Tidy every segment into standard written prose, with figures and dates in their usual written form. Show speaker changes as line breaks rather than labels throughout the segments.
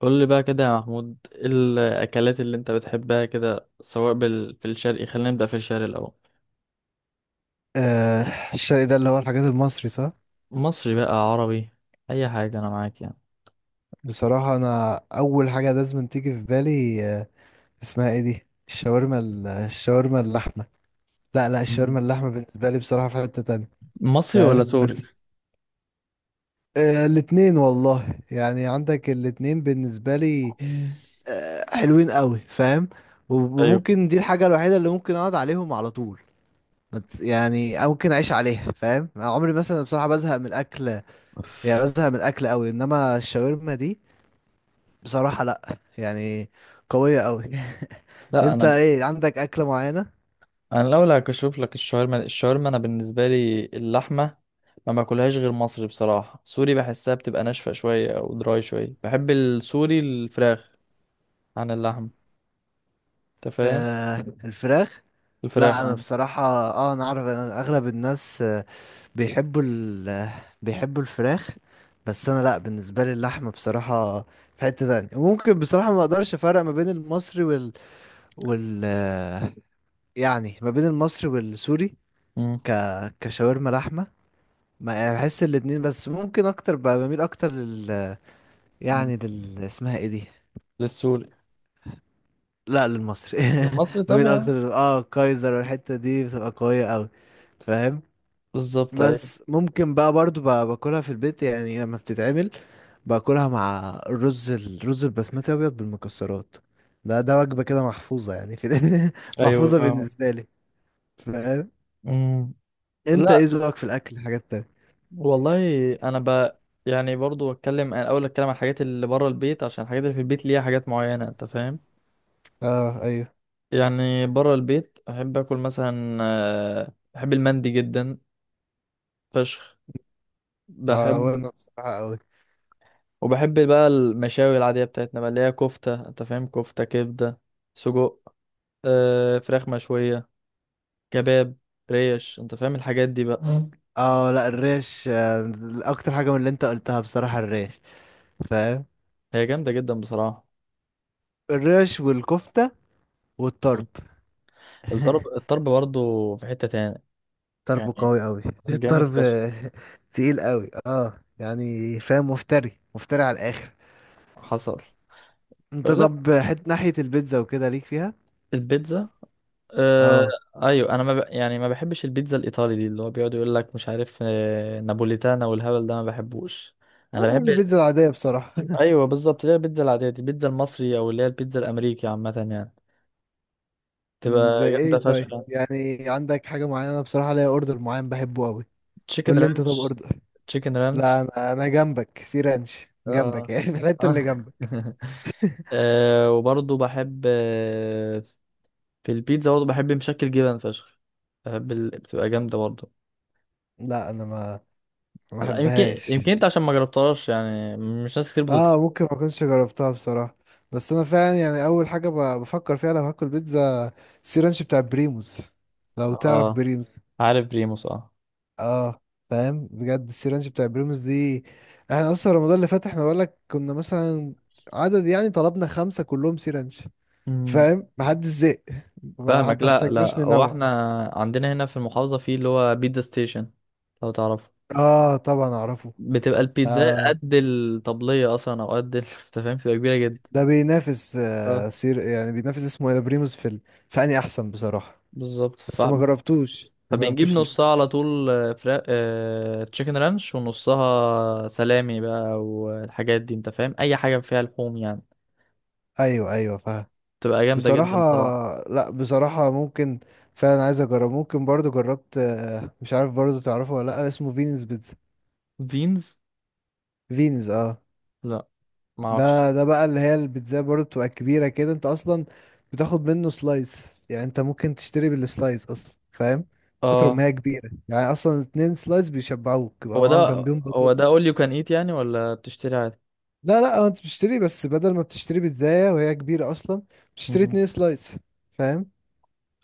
قول لي بقى كده يا محمود، ايه الاكلات اللي انت بتحبها كده، سواء في الشرقي؟ خلينا نبدا في الشرقي الاول.
آه. الشرق ده اللي هو الحاجات المصري، صح؟
مصري بقى، عربي، اي حاجه انا معاك يعني.
بصراحة أنا أول حاجة لازم تيجي في بالي، اسمها إيه دي، الشاورما الشاورما اللحمة. لا، لا،
مم.
الشاورما اللحمة بالنسبة لي بصراحة في حتة تانية.
مصري ولا
فاهم؟ ما
سوري؟
تس- آه، الاتنين والله، يعني عندك الاتنين بالنسبة لي.
مم.
آه، حلوين قوي. فاهم؟ و-
ايوه.
وممكن دي الحاجة الوحيدة اللي ممكن أقعد عليهم على طول. ما تس- يعني أو ممكن أعيش عليها، فاهم؟ عمري مثلا بصراحة بزهق من الأكل، يعني بزهق من الأكل قوي، إنما الشاورما دي بصراحة لأ يعني، قوية أوي.
لا
أنت
انا ب...
إيه، عندك أكلة معينة؟
انا الاول هكشف لك. الشاورما، انا بالنسبه لي اللحمه ما باكلهاش غير مصري، بصراحه سوري بحسها بتبقى ناشفه شويه او دراي شويه. بحب السوري الفراخ عن اللحم، انت فاهم.
آه، الفراخ؟
الفراخ
لأ، أنا
عن...
بصراحة. أنا أعرف إن أغلب الناس، بيحبوا ال آه، بيحبوا الفراخ. بس أنا لأ، بالنسبة لي اللحمة بصراحة في حتة تانية. ممكن بصراحة ما أقدرش أفرق ما بين المصري وال وال آه، يعني ما بين المصري والسوري.
امم،
ك كشاورما لحمة. ما يعني بحس الاتنين، بس ممكن أكتر بميل أكتر لل، يعني لل، اسمها إيه دي؟
للسوري.
لا، للمصري.
المصري
ما بين
طبعا.
اكتر كايزر، والحته دي بتبقى قويه قوي. فاهم؟
بالظبط ايوه.
بس ممكن بقى برضو باكلها في البيت يعني لما بتتعمل. باكلها مع الرز البسمتي ابيض بالمكسرات. ده وجبه كده محفوظه يعني، في.
ايوه
محفوظه
فاهم.
بالنسبه لي. فاهم؟
أمم.
انت ايه
لا
ذوقك في الاكل، حاجات تانية؟
والله، انا ب يعني برضو اتكلم، انا اول اتكلم عن الحاجات اللي بره البيت، عشان الحاجات اللي في البيت ليها حاجات معينه، انت فاهم.
اه، ايوه.
يعني بره البيت احب اكل مثلا آه، بحب المندي جدا فشخ.
اه،
بحب
وانا بصراحه قوي.
وبحب بقى المشاوي العاديه بتاعتنا بقى، اللي هي كفته، انت فاهم، كفته، كبده، سجق، آه، فراخ مشويه، كباب، ريش، انت فاهم الحاجات دي بقى. مم.
اه، لا، الريش، اكتر حاجه من اللي انت قلتها بصراحه الريش. فاهم؟
هي جامده جدا بصراحه.
الريش والكفته،
مم.
والطرب.
الطرب، الطرب برضو في حته تاني يعني،
ضربه قوي قوي.
حلو جامد،
الضرب.
بس
تقيل قوي، اه. يعني فاهم، مفتري مفتري على الاخر.
حصل.
انت
لا
طب، ناحية البيتزا وكده، ليك فيها؟
البيتزا. آه
اه.
ايوه، انا ما ب... يعني ما بحبش البيتزا الايطالي دي، اللي هو بيقعد يقول لك مش عارف آه نابوليتانا والهبل ده، ما بحبوش.
أنا
انا
بحب
بحب.
البيتزا العادية بصراحة.
ايوه بالظبط، اللي هي البيتزا العاديه دي، البيتزا المصري، او اللي هي البيتزا الامريكي عامه يعني، تبقى
زي
جامده
ايه طيب،
فشخ.
يعني عندك حاجة معينة؟ أنا بصراحة ليا اوردر معين بحبه قوي. قول
تشيكن
لي انت، طب
رانش.
اوردر.
تشيكن
لا،
رانش.
انا جنبك سي رانش، جنبك
اه.
يعني. الحتة اللي جنبك.
آه، وبرضه بحب آه، في البيتزا برضه بحب مشكل جبن فشخ. بحب بتبقى جامده برضه.
لا، انا ما
لا، يمكن
بحبهاش.
يمكن انت عشان ما جربتهاش يعني، مش ناس كتير
اه،
بتطلب.
ممكن ما كنتش جربتها بصراحة. بس انا فعلا يعني اول حاجة بفكر فيها لو هاكل بيتزا، سي رانش بتاع بريموز. لو تعرف
اه،
بريموز.
عارف بريموس، اه.
اه. فاهم؟ بجد السي رانش بتاع بريموز دي، احنا اصلا رمضان اللي فات احنا بقول لك كنا مثلا عدد يعني، طلبنا خمسة كلهم سي رانش.
امم.
فاهم؟ محدش زهق، ما
فاهمك. لا
احتاجناش
لا، هو
ننوع.
احنا عندنا هنا في المحافظة في اللي هو بيتزا ستيشن، لو تعرف.
اه، طبعا اعرفه.
بتبقى
ده
البيتزا قد الطبلية اصلا، او انت فاهم، بتبقى كبيرة جدا.
ده بينافس آه
اه
سير يعني بينافس، اسمه ايه ده بريموز في فاني احسن بصراحة.
بالظبط،
بس ما جربتوش ما
فبنجيب
جربتوش
نصها
للأسف.
على طول آه، فراخ تشيكن رانش، ونصها سلامي بقى والحاجات دي، انت فاهم اي حاجة فيها لحوم يعني.
ايوه، ايوه، فاهم.
بتبقى جامدة جدا
بصراحة،
بصراحة.
لا، بصراحة ممكن فعلا عايز اجرب. ممكن برضو جربت، مش عارف برضو، تعرفه ولا لا، اسمه فينز بيتزا.
فينز،
فينز، اه.
لا
ده
معرفش.
ده بقى اللي هي البيتزا برضو بتبقى كبيرة كده، انت اصلا بتاخد منه سلايس، يعني انت ممكن تشتري بالسلايس اصلا، فاهم؟ كتر
اه،
ما هي كبيرة يعني اصلا، اتنين سلايس بيشبعوك،
هو
يبقى
ده
معاهم جنبيهم
هو ده
بطاطس.
اول يو كان ايت يعني، ولا بتشتري عادي؟
لا، لا، هو انت بتشتري، بس بدل ما بتشتري بيتزاية وهي كبيرة اصلا، بتشتري
مم.
اتنين سلايس. فاهم؟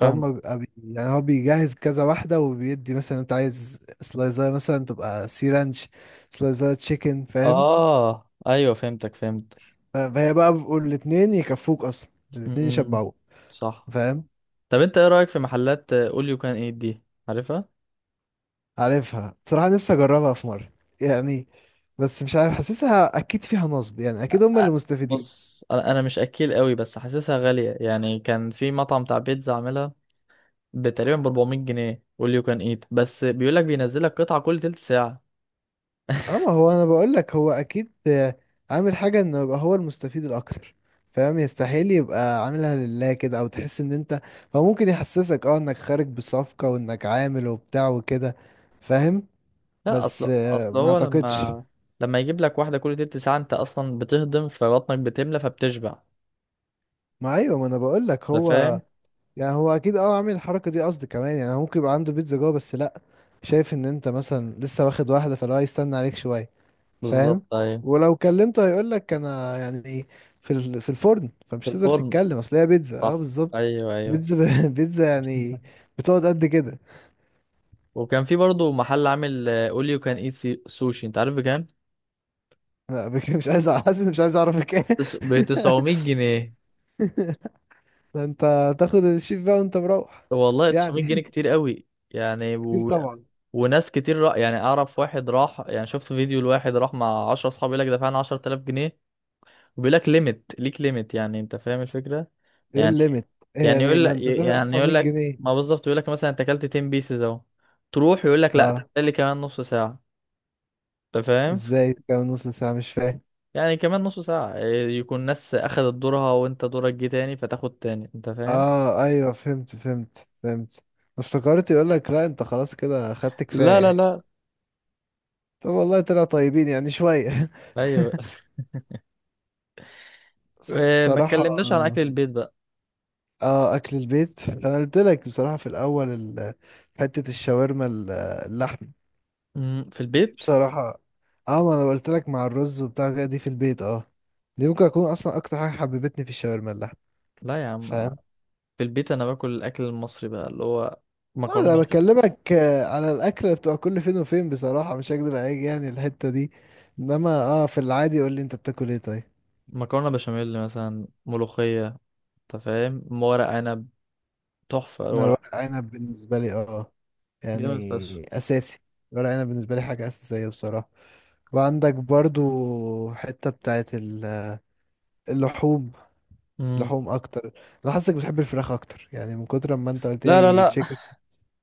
فاهم.
هم بيبقى يعني هو بيجهز كذا واحدة وبيدي، مثلا انت عايز سلايزاية مثلا تبقى سي رانش، سلايزاية تشيكن، فاهم؟
اه ايوه، فهمتك، فهمت.
فهي بقى بيقول الاتنين يكفوك، اصلا الاتنين
مم.
يشبعوك.
صح.
فاهم؟
طب انت ايه رايك في محلات اول يو كان ايت دي؟ عارفها.
عارفها، بصراحة نفسي اجربها في مرة يعني، بس مش عارف، حاسسها اكيد فيها نصب يعني، اكيد هم
أ-
اللي مستفيدين.
بص انا مش اكيل قوي، بس حاسسها غاليه يعني. كان في مطعم بتاع بيتزا عاملها تقريبا ب 400 جنيه اول يو كان ايت، بس بيقول لك بينزل لك قطعه كل تلت ساعه.
اه، ما هو انا بقول لك هو اكيد، عامل حاجه انه يبقى هو المستفيد الاكتر. فاهم؟ يستحيل يبقى عاملها لله كده، او تحس ان انت، هو ممكن يحسسك انك خارج بصفقه، وانك عامل وبتاع وكده. فاهم؟
لا،
بس
اصل اصل
ما
هو
اعتقدش.
لما يجيب لك واحده كل تلت ساعه، انت اصلا بتهضم، فبطنك بتملى، فبتشبع،
ما، ايوه، ما انا بقول لك
أنت
هو،
فاهم.
يعني هو اكيد عامل الحركه دي قصد. كمان يعني هو ممكن يبقى عنده بيتزا جوه، بس لا، شايف ان انت مثلا لسه واخد واحده، فلو هيستنى عليك شويه. فاهم؟
بالظبط أيوة.
ولو كلمته هيقول لك انا، يعني ايه، في الفرن،
في
فمش تقدر
الفرن.
تتكلم، اصل هي بيتزا، اه،
صح.
بالظبط.
أيوة أيوة.
بيتزا، بيتزا يعني، بتقعد قد كده.
وكان في برضه محل عامل اول يو كان ايت سوشي، أنت عارف بكام؟
لا، مش عايز حاسس إني مش عايز اعرفك ايه.
ب 900 جنيه.
ده انت تاخد الشيف بقى وانت مروح.
والله 900 جنيه
يعني.
كتير قوي يعني.
كتير طبعا.
وناس كتير يعني اعرف واحد راح، يعني شفت فيديو لواحد راح مع 10 اصحاب، يقول لك دفعنا 10000 جنيه. وبيقول لك ليميت، ليك ليميت يعني، انت فاهم الفكرة
ايه
يعني.
الليميت؟
يعني
يعني،
يقول
ما
لك
انت دافع
يعني
900
يقول لك
جنيه
ما بالظبط، يقول لك مثلا انت اكلت 10 بيسز اهو، تروح يقول لك لا،
اه.
تحتاج لي كمان نص ساعة، انت فاهم.
ازاي؟ كام نص ساعة؟ مش فاهم.
يعني كمان نص ساعة إيه، يكون ناس اخدت دورها وانت دورك جه تاني، فتاخد تاني، انت فاهم.
اه، ايوه، فهمت فهمت فهمت. افتكرت يقول لك لا، انت خلاص كده خدت
لا لا
كفاية.
لا.
طب والله طلعوا طيبين يعني شوية.
ايوه. إيه، ما
بصراحة.
اتكلمناش عن اكل البيت بقى.
اه، اكل البيت، انا قلت لك بصراحة في الاول حتة الشاورما اللحم،
أمم، في
دي
البيت.
بصراحة. اه، ما انا قلت لك مع الرز وبتاع كده، دي في البيت، اه. دي ممكن اكون اصلا اكتر حاجة حببتني في الشاورما اللحم.
لا يا عم،
فاهم؟
في البيت انا باكل الاكل المصري بقى، اللي هو
لا، انا
مكرونة بش...
بكلمك على الاكل اللي بتبقى كل فين وفين، بصراحة مش هكدب عليك يعني، الحتة دي، انما في العادي قول لي، انت بتاكل ايه طيب؟
مكرونة بشاميل مثلا، ملوخية، انت فاهم، ورق عنب، تحفة
انا
الورق،
الورق عنب بالنسبة لي،
جامد فشخ.
يعني اساسي. ورق عنب بالنسبه لي حاجه اساسيه بصراحه. وعندك برضو حته بتاعت اللحوم،
أمم.
لحوم اكتر. انا حاسسك بتحب الفراخ اكتر، يعني من كتر ما انت قلت
لا لا
لي
لا،
تشيكن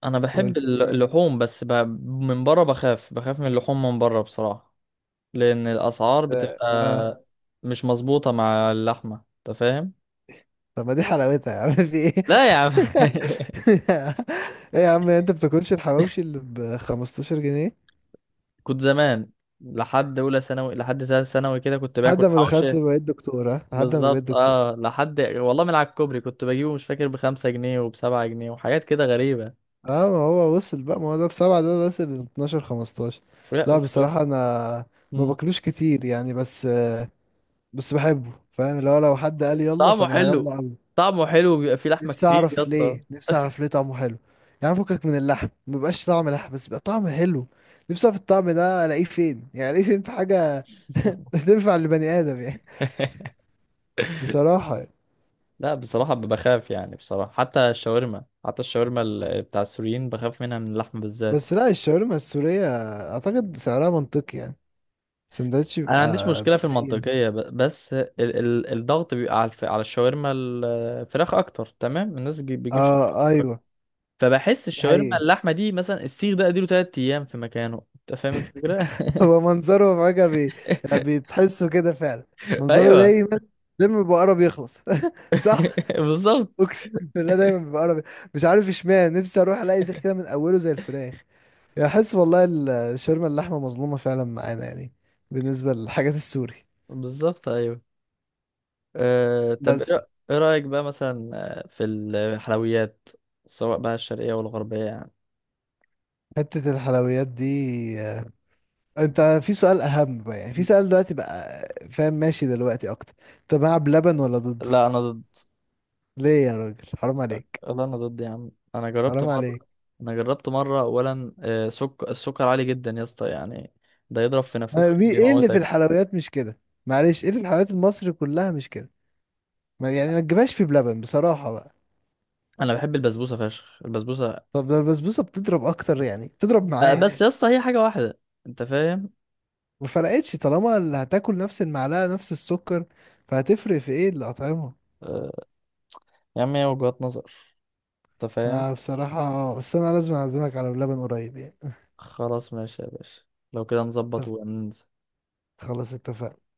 انا بحب
وقلت لي
اللحوم، من بره بخاف من اللحوم من بره بصراحة، لان الاسعار
س- اه،
بتبقى مش مظبوطه مع اللحمه، انت فاهم.
طب ما دي حلاوتها يا عم في ايه؟
لا يا عم.
ايه يا عم، انت بتاكلش الحواوشي اللي ب 15 جنيه؟
كنت زمان لحد اولى ثانوي، لحد ثالث ثانوي كده كنت باكل
لحد ما دخلت
حوشه.
بقيت دكتوره، لحد ما بقيت
بالظبط
دكتور.
اه، لحد والله من على الكوبري كنت بجيبه، مش فاكر، ب5 جنيه وب7 جنيه وحاجات كده غريبه.
اه، ما هو وصل بقى، ما هو ده بسبعة ده وصل ل 12، 15.
لا
لا،
وت-
بصراحة انا ما
مم.
باكلوش كتير يعني، بس بحبه، فاهم؟ لو حد قال يلا
طعمه
فانا
حلو
هيلا قوي.
طعمه حلو بيبقى فيه لحمه
نفسي
كتير يا
اعرف
اسطى.
ليه، نفسي اعرف ليه طعمه حلو. يعني فكك من اللحم، ما بيبقاش طعم لحم بس بيبقى طعم حلو. نفسي اعرف الطعم ده الاقيه فين، يعني الاقيه فين في حاجة. تنفع لبني ادم يعني. بصراحة يعني.
لا بصراحه بخاف يعني، بصراحه حتى الشاورما بتاع السوريين بخاف منها، من اللحمه بالذات.
بس لا، الشاورما السورية اعتقد سعرها منطقي يعني، سندوتش
انا ما عنديش
يبقى
مشكله في
بـ 100.
المنطقيه، بس ال ال الضغط بيبقى على الشاورما الفراخ اكتر، تمام. بيجيب شاورما
اه،
أكتر.
ايوه.
فبحس
ده
الشاورما
حقيقي.
اللحمه دي، مثلا السيخ ده اديله 3 ايام في مكانه، انت فاهم الفكره.
هو منظره فجأة يعني بتحسه كده فعلا. منظره
ايوه.
دايما، دايما بيبقى قرب يخلص. صح.
بالظبط.
اقسم بالله دايما بيبقى قرب، مش عارف اشمعنى، نفسي اروح الاقي زي كده من اوله زي الفراخ. يعني احس والله الشاورما اللحمه مظلومه فعلا معانا يعني، بالنسبه للحاجات السوري.
بالظبط ايوه. أه طب
بس
إيه رايك بقى مثلا آه، في الحلويات، سواء بقى الشرقيه والغربيه يعني؟
حته الحلويات دي، آه، انت في سؤال اهم بقى، يعني في سؤال دلوقتي بقى. فاهم؟ ماشي دلوقتي اكتر. انت مع بلبن ولا ضده؟
لا انا ضد.
ليه يا راجل؟ حرام عليك.
يا عم،
حرام عليك.
انا جربت مره اولا آه، السكر عالي جدا يا اسطى يعني. ده يضرب في
أنا
نافوخك،
ايه اللي في
بيموتك.
الحلويات مش كده؟ معلش، ايه اللي في الحلويات المصري كلها مش كده؟ ما يعني ما تجيبهاش في بلبن بصراحة بقى.
انا بحب البسبوسه فشخ، البسبوسه.
طب ده البسبوسة بتضرب اكتر، يعني بتضرب
آه،
معاه.
بس يا اسطى هي حاجه واحده، انت فاهم.
ما فرقتش طالما اللي هتاكل نفس المعلقة نفس السكر، فهتفرق في ايه الأطعمة؟
آه، يا عم هي وجهات نظر، انت فاهم.
أنا بصراحة، بس أنا لازم أعزمك على بلبن قريب يعني.
خلاص ماشي يا باشا، لو كده نظبط
طب،
وننزل.
خلاص اتفقنا.